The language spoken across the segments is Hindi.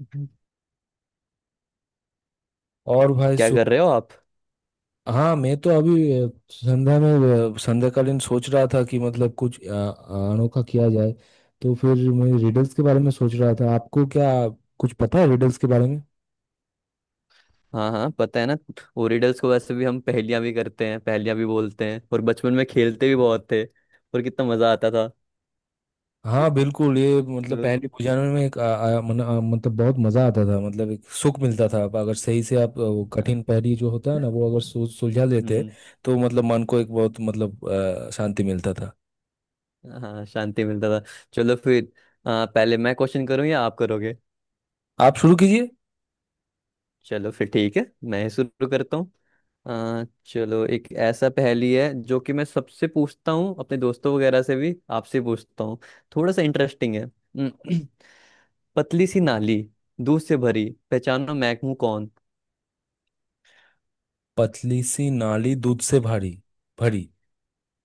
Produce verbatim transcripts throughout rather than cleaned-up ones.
हम्म। और भाई क्या सु कर रहे हो आप? हाँ मैं तो अभी अ, संध्या में अ, संध्याकालीन सोच रहा था कि मतलब कुछ अ, अनोखा किया जाए। तो फिर मैं रिडल्स के बारे में सोच रहा था, आपको क्या कुछ पता है रिडल्स के बारे में? हाँ हाँ, पता है ना। ओरिडल्स को वैसे भी हम पहेलियां भी करते हैं, पहेलियां भी बोलते हैं, और बचपन में खेलते भी बहुत थे और कितना मजा आता था। हाँ बिल्कुल, ये मतलब तो पहले बुझाने में एक आ, आ, मन, आ, मतलब बहुत मजा आता था, मतलब एक सुख मिलता था। आप अगर सही से आप आ, वो हाँ, कठिन पहेली जो होता है ना वो अगर सु, सुलझा लेते हम्म। तो मतलब मन को एक बहुत मतलब आ, शांति मिलता था। हाँ, शांति मिलता था। चलो फिर। आ, पहले मैं क्वेश्चन करूँ या आप करोगे? आप शुरू कीजिए। चलो फिर ठीक है। मैं ही शुरू करता हूँ। आ, चलो, एक ऐसा पहेली है जो कि मैं सबसे पूछता हूँ, अपने दोस्तों वगैरह से भी आपसे पूछता हूँ। थोड़ा सा इंटरेस्टिंग है। पतली सी नाली, दूध से भरी, पहचानो मैं हूं कौन। पतली सी नाली दूध से भारी भरी।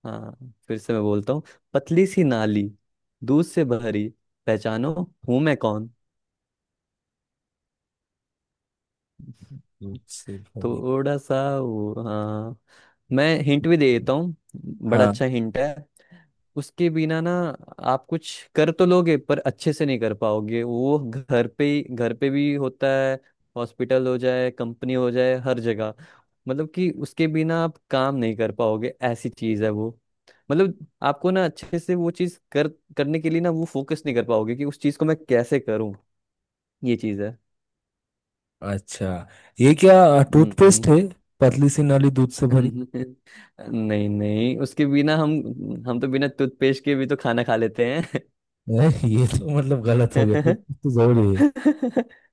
हाँ, फिर से मैं बोलता हूँ। पतली सी नाली, दूध से भरी, पहचानो हूं मैं कौन। दूध से भरी। थोड़ा सा वो, हाँ, मैं हिंट भी दे देता हूँ। बड़ा हाँ। अच्छा हिंट है। उसके बिना ना आप कुछ कर तो लोगे पर अच्छे से नहीं कर पाओगे। वो घर पे ही, घर पे भी होता है। हॉस्पिटल हो जाए, कंपनी हो जाए, हर जगह। मतलब कि उसके बिना आप काम नहीं कर पाओगे, ऐसी चीज है वो। मतलब आपको ना अच्छे से वो चीज कर करने के लिए ना वो फोकस नहीं कर पाओगे कि उस चीज को मैं कैसे करूं। ये चीज है। अच्छा, ये क्या हम्म। टूथपेस्ट है? पतली सी नाली दूध से भरी नहीं नहीं, उसके बिना हम हम तो बिना टूथपेस्ट के भी तो खाना खा लेते है। ये तो मतलब गलत हो गया, हैं। टूथपेस्ट तो जरूरी है। हाँ,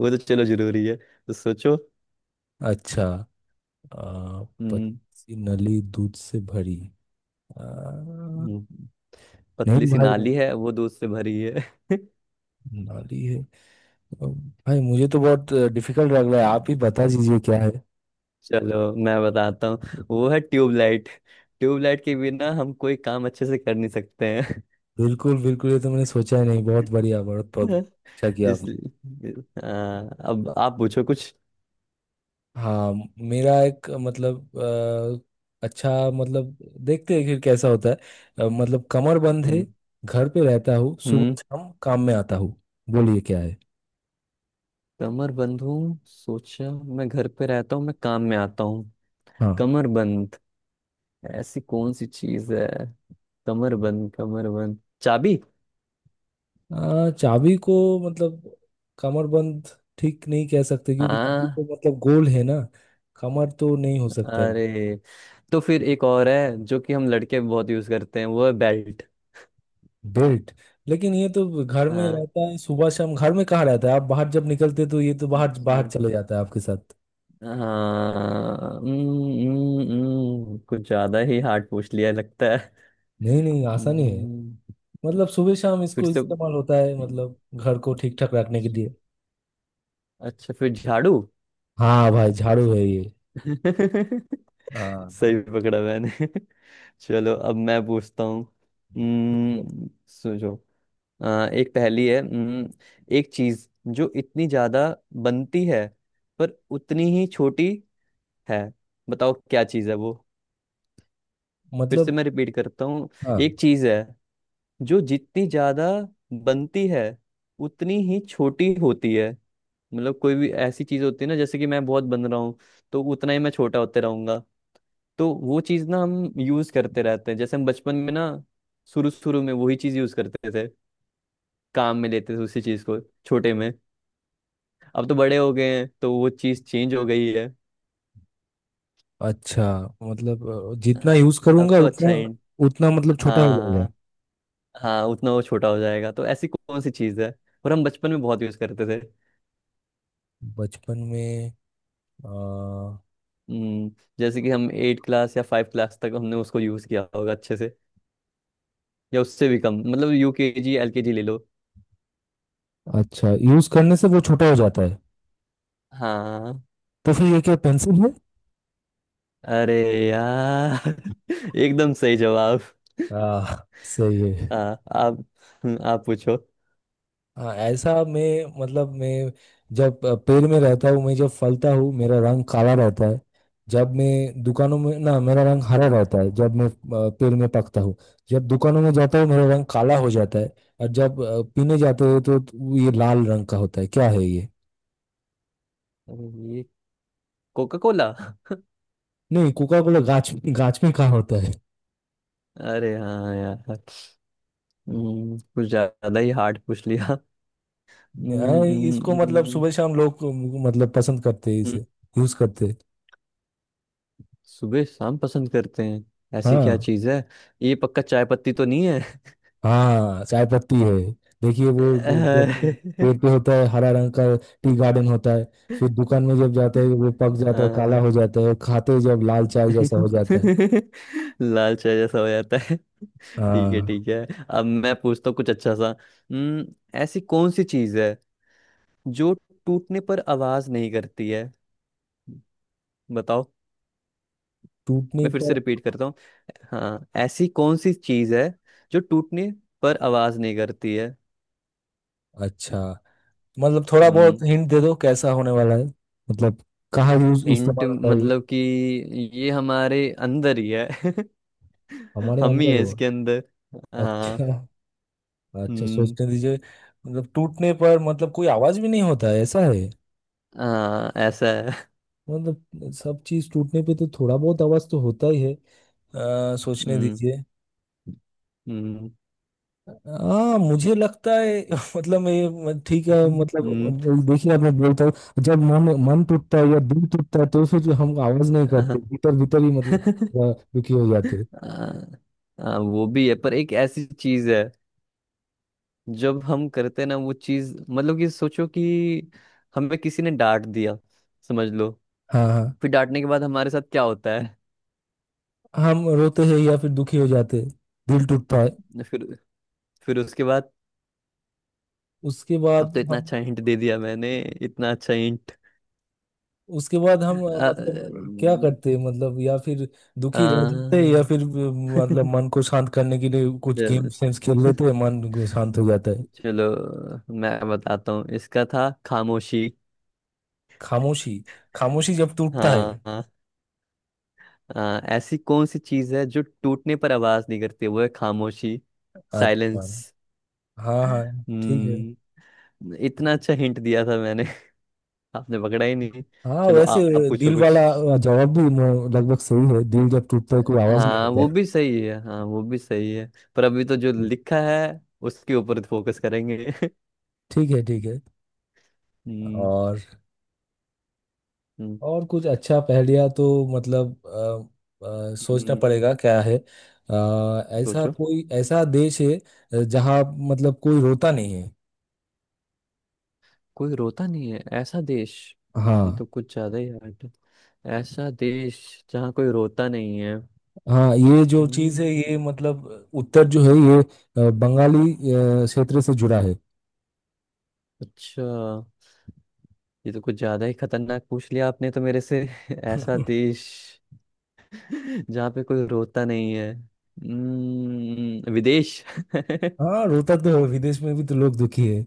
वो तो चलो जरूरी है तो सोचो। अच्छा। आ, पतली हम्म। सी नली दूध से भरी। आ, हम्म, पतली नहीं सी भाई नाली है वो, दूध से भरी है। नाली है। अ, भाई मुझे तो बहुत डिफिकल्ट लग रहा है, आप ही हम्म, बता दीजिए क्या है। चलो मैं बताता हूँ वो है ट्यूबलाइट। ट्यूबलाइट के बिना हम कोई काम अच्छे से कर नहीं सकते हैं। बिल्कुल बिल्कुल, ये तो मैंने सोचा ही नहीं। बहुत बढ़िया, बहुत बहुत अच्छा किया आपने। इसलिए। हाँ, अब आप पूछो कुछ। हाँ, मेरा एक मतलब अ, अच्छा मतलब देखते हैं फिर कैसा होता है। अ, मतलब कमर बंद है, हम्म। घर पे रहता हूँ, सुबह हम्म, शाम काम में आता हूँ। बोलिए क्या है। कमर बंद हूँ, सोचा, मैं घर पे रहता हूँ, मैं काम में आता हूँ। हाँ, कमर बंद ऐसी कौन सी चीज है? कमर बंद, कमर बंद, चाबी। अ, चाबी को मतलब कमर बंद ठीक नहीं कह सकते क्योंकि चाबी हाँ। तो मतलब गोल है ना, कमर तो नहीं हो सकता है। अरे, तो फिर एक और है जो कि हम लड़के बहुत यूज करते हैं, वो है बेल्ट। बेल्ट। लेकिन ये तो घर में हाँ। रहता है सुबह शाम, घर में कहाँ रहता है, आप बाहर जब निकलते तो ये तो बाहर बाहर अच्छा। चले जाता है आपके साथ। हाँ, हम्म, हम्म, हम्म, कुछ ज्यादा ही हार्ड पूछ लिया लगता है। नहीं नहीं, आसानी है। हम्म, मतलब सुबह शाम फिर इसको से। इस्तेमाल होता है, मतलब घर को ठीक ठाक रखने के लिए। अच्छा, फिर झाड़ू। हाँ भाई झाड़ू है ये। हाँ। सही पकड़ा मैंने। चलो, अब मैं पूछता हूँ। हम्म, सोचो। आ, एक पहेली है। हम्म, एक चीज जो इतनी ज्यादा बनती है पर उतनी ही छोटी है। बताओ क्या चीज़ है वो। फिर मतलब से मैं रिपीट करता हूँ। एक हाँ। चीज़ है जो जितनी ज़्यादा बनती है उतनी ही छोटी होती है। मतलब कोई भी ऐसी चीज़ होती है ना जैसे कि मैं बहुत बन रहा हूँ तो उतना ही मैं छोटा होते रहूंगा। तो वो चीज़ ना हम यूज़ करते रहते हैं, जैसे हम बचपन में ना शुरू शुरू में वही चीज़ यूज़ करते थे, काम में लेते थे उसी चीज़ को, छोटे में। अब तो बड़े हो गए हैं तो वो चीज़ चेंज हो गई है। अच्छा मतलब अ, जितना यूज अब करूंगा तो उतना, अच्छा है। उतना मतलब छोटा हो जाएगा। हाँ। हाँ, उतना वो छोटा हो जाएगा, तो ऐसी कौन सी चीज़ है और हम बचपन में बहुत यूज़ करते थे। बचपन में आ, हम्म, जैसे कि हम एट क्लास या फाइव क्लास तक हमने उसको यूज़ किया होगा अच्छे से, या उससे भी कम, मतलब U K G L K G ले लो। अच्छा यूज करने से वो छोटा हो जाता है? हाँ। तो फिर ये क्या पेंसिल है? अरे यार, एकदम सही जवाब। आ, सही है। हाँ, आप। हम्म, आप पूछो। हाँ ऐसा, मैं मतलब मैं जब अ, पेड़ में रहता हूँ, मैं जब फलता हूँ मेरा रंग काला रहता है। जब मैं दुकानों में ना मेरा रंग हरा रहता है। जब मैं अ, पेड़ में पकता हूँ, जब दुकानों में जाता हूँ मेरा रंग काला हो जाता है। और जब अ, पीने जाते हैं तो तो ये लाल रंग का होता है। क्या है ये? ये कोका कोला। नहीं, कोका कोला गाछ, गाछ में कहाँ होता है? अरे हाँ यार, हम्म, कुछ ज़्यादा ही हार्ड पूछ लिया। हम्म, नहीं, इसको मतलब हम्म, सुबह शाम लोग अ, मतलब पसंद करते हैं हम्म। इसे, यूज करते हैं। सुबह शाम पसंद करते हैं, ऐसी क्या हाँ चीज है? ये पक्का चाय पत्ती तो नहीं है? हाँ चाय पत्ती है। देखिए वो जो- जब अ, पेड़ पे होता है हरा रंग का, टी गार्डन होता है। फिर दुकान में जब जाते हैं वो पक जाता है काला अ- हो जाता है, खाते ही जब लाल चाय जैसा हो जाता है। लाल चाय जैसा हो जाता है। ठीक है, हाँ। ठीक है, अब मैं पूछता हूँ कुछ अच्छा सा। हम्म, ऐसी कौन सी चीज है जो टूटने पर आवाज नहीं करती है? बताओ। टूटने मैं फिर पर। से रिपीट करता हूँ। हाँ, ऐसी कौन सी चीज है जो टूटने पर आवाज नहीं करती अच्छा, मतलब थोड़ा है? बहुत हिंट दे दो कैसा होने वाला है। मतलब कहाँ यूज हिंट इस्तेमाल होता है ये? मतलब कि ये हमारे अंदर ही है। हमारे हम ही अंदर है है? इसके अंदर। अच्छा। हाँ। अच्छा, हम्म। सोचने दीजिए। मतलब टूटने पर मतलब कोई आवाज भी नहीं होता है, ऐसा है? हाँ, ऐसा है। मतलब सब चीज टूटने पे तो थोड़ा बहुत आवाज तो होता ही है। अ, सोचने हम्म। दीजिए। हम्म। हाँ मुझे लगता है मतलब ये मत- ठीक है हम्म। मतलब देखिए अब मैं बोलता हूँ। जब मन मन टूटता है या दिल टूटता है तो फिर हम आवाज नहीं करते, भीतर भीतर ही मतलब अ, दुखी हो जाते हैं। हाँ, हाँ, वो भी है पर एक ऐसी चीज है जब हम करते हैं ना वो चीज, मतलब कि सोचो कि हमें किसी ने डांट दिया, समझ लो। हाँ हाँ। फिर डांटने के बाद हमारे साथ क्या होता है? हम रोते हैं या फिर दुखी हो जाते हैं, दिल टूटता है। फिर फिर उसके बाद उसके अब बाद तो इतना हम अच्छा हिंट दे दिया मैंने, इतना अच्छा हिंट। उसके बाद हम अ, अ, मतलब क्या करते हैं, मतलब या फिर अ, दुखी रह जाते हैं या फिर अ, मतलब मन को शांत करने के लिए कुछ गेम चल- सेम्स खेल लेते हैं, मन को शांत हो जाता है। चलो, मैं बताता हूँ, इसका था खामोशी। खामोशी। खामोशी जब टूटता है। हाँ हाँ, हाँ, ऐसी कौन सी चीज है जो टूटने पर आवाज नहीं करती, वो है खामोशी। अच्छा। साइलेंस। हाँ हाँ ठीक है। हम्म। इतना अच्छा हिंट दिया था मैंने। आपने पकड़ा ही नहीं। हाँ चलो, वैसे आप, आप पूछो दिल कुछ। वाला जवाब भी म- लगभग सही है, दिल जब टूटता है कोई आवाज नहीं हाँ, होता वो भी है। सही है, हाँ वो भी सही है, पर अभी तो जो लिखा है उसके ऊपर फोकस करेंगे। ठीक है ठीक है। हम्म। और। हम्म। और कुछ अच्छा पहेलियाँ तो मतलब अ, अ, सोचना हम्म, पड़ेगा क्या है। अ, ऐसा सोचो। कोई ऐसा देश है अ, जहाँ मतलब कोई रोता नहीं है। कोई रोता नहीं है, ऐसा देश? ये हाँ। तो कुछ ज्यादा ही hard है। ऐसा देश जहाँ कोई रोता नहीं है। हाँ ये जो चीज है ये हम्म। मतलब उत्तर जो है ये अ, बंगाली अ, क्षेत्र से जुड़ा है। अच्छा। ये तो कुछ ज्यादा ही खतरनाक पूछ लिया आपने तो मेरे से। ऐसा देश जहाँ पे कोई रोता नहीं है। हम्म विदेश? हाँ, रोता तो है विदेश में भी तो लोग दुखी है।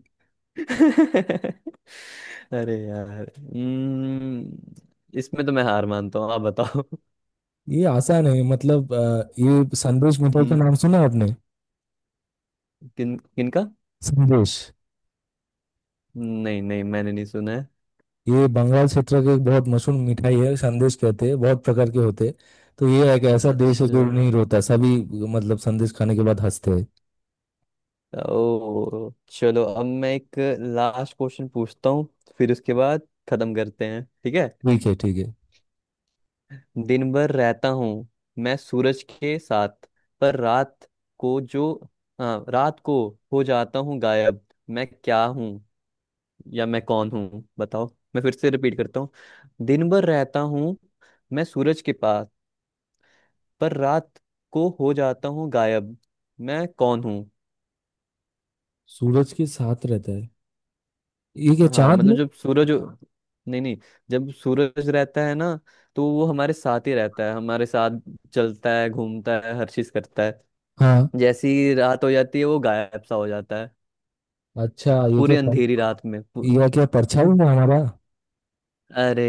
अरे यार, हम्म इसमें तो मैं हार मानता हूँ, आप बताओ। ये आसान है, मतलब अ, ये संदेश मिठाई का हम्म। नाम सुना है आपने? किन किनका? संदेश। नहीं नहीं, मैंने नहीं सुना है। ये बंगाल क्षेत्र की एक बहुत मशहूर मिठाई है, संदेश कहते हैं, बहुत प्रकार के होते हैं। तो ये एक ऐसा देश है अच्छा। जो नहीं रोता सभी, मतलब संदेश खाने के बाद हंसते हैं। ओ चलो, अब मैं एक लास्ट क्वेश्चन पूछता हूँ, फिर उसके बाद खत्म करते हैं, ठीक है। ठीक है ठीक है। दिन भर रहता हूँ मैं सूरज के साथ, पर रात को जो, हाँ, रात को हो जाता हूँ गायब। मैं क्या हूँ, या मैं कौन हूँ, बताओ। मैं फिर से रिपीट करता हूँ। दिन भर रहता हूँ मैं सूरज के पास, पर रात को हो जाता हूँ गायब। मैं कौन हूँ? सूरज के साथ रहता है, ये क्या हाँ, चांद मतलब है? जब सूरज, नहीं नहीं, जब सूरज रहता है ना तो वो हमारे साथ ही रहता है, हमारे साथ चलता है, घूमता है, हर चीज करता है। हाँ। जैसी ही रात हो जाती है वो गायब सा हो जाता है। अच्छा। ये क्या पूरी पर, अंधेरी रात में पू-। ये क्या परछाई है हमारा? अरे,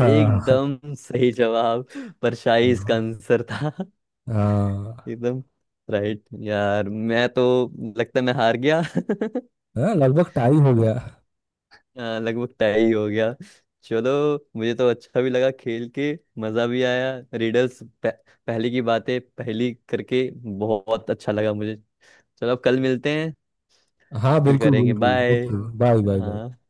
हाँ हाँ। सही जवाब। परछाई इसका आंसर था। हाँ। एकदम राइट यार, मैं तो, लगता है, मैं हार गया। हाँ, लगभग टाई हो गया। हाँ, लगभग तय ही हो गया। चलो, मुझे तो अच्छा भी लगा खेल के, मज़ा भी आया रिडल्स पह, पहले की बातें पहली करके बहुत अच्छा लगा मुझे। चलो, अब कल मिलते हैं। हाँ फिर बिल्कुल करेंगे बिल्कुल बाय। बिल्कुल, बाय बाय बाय। हाँ।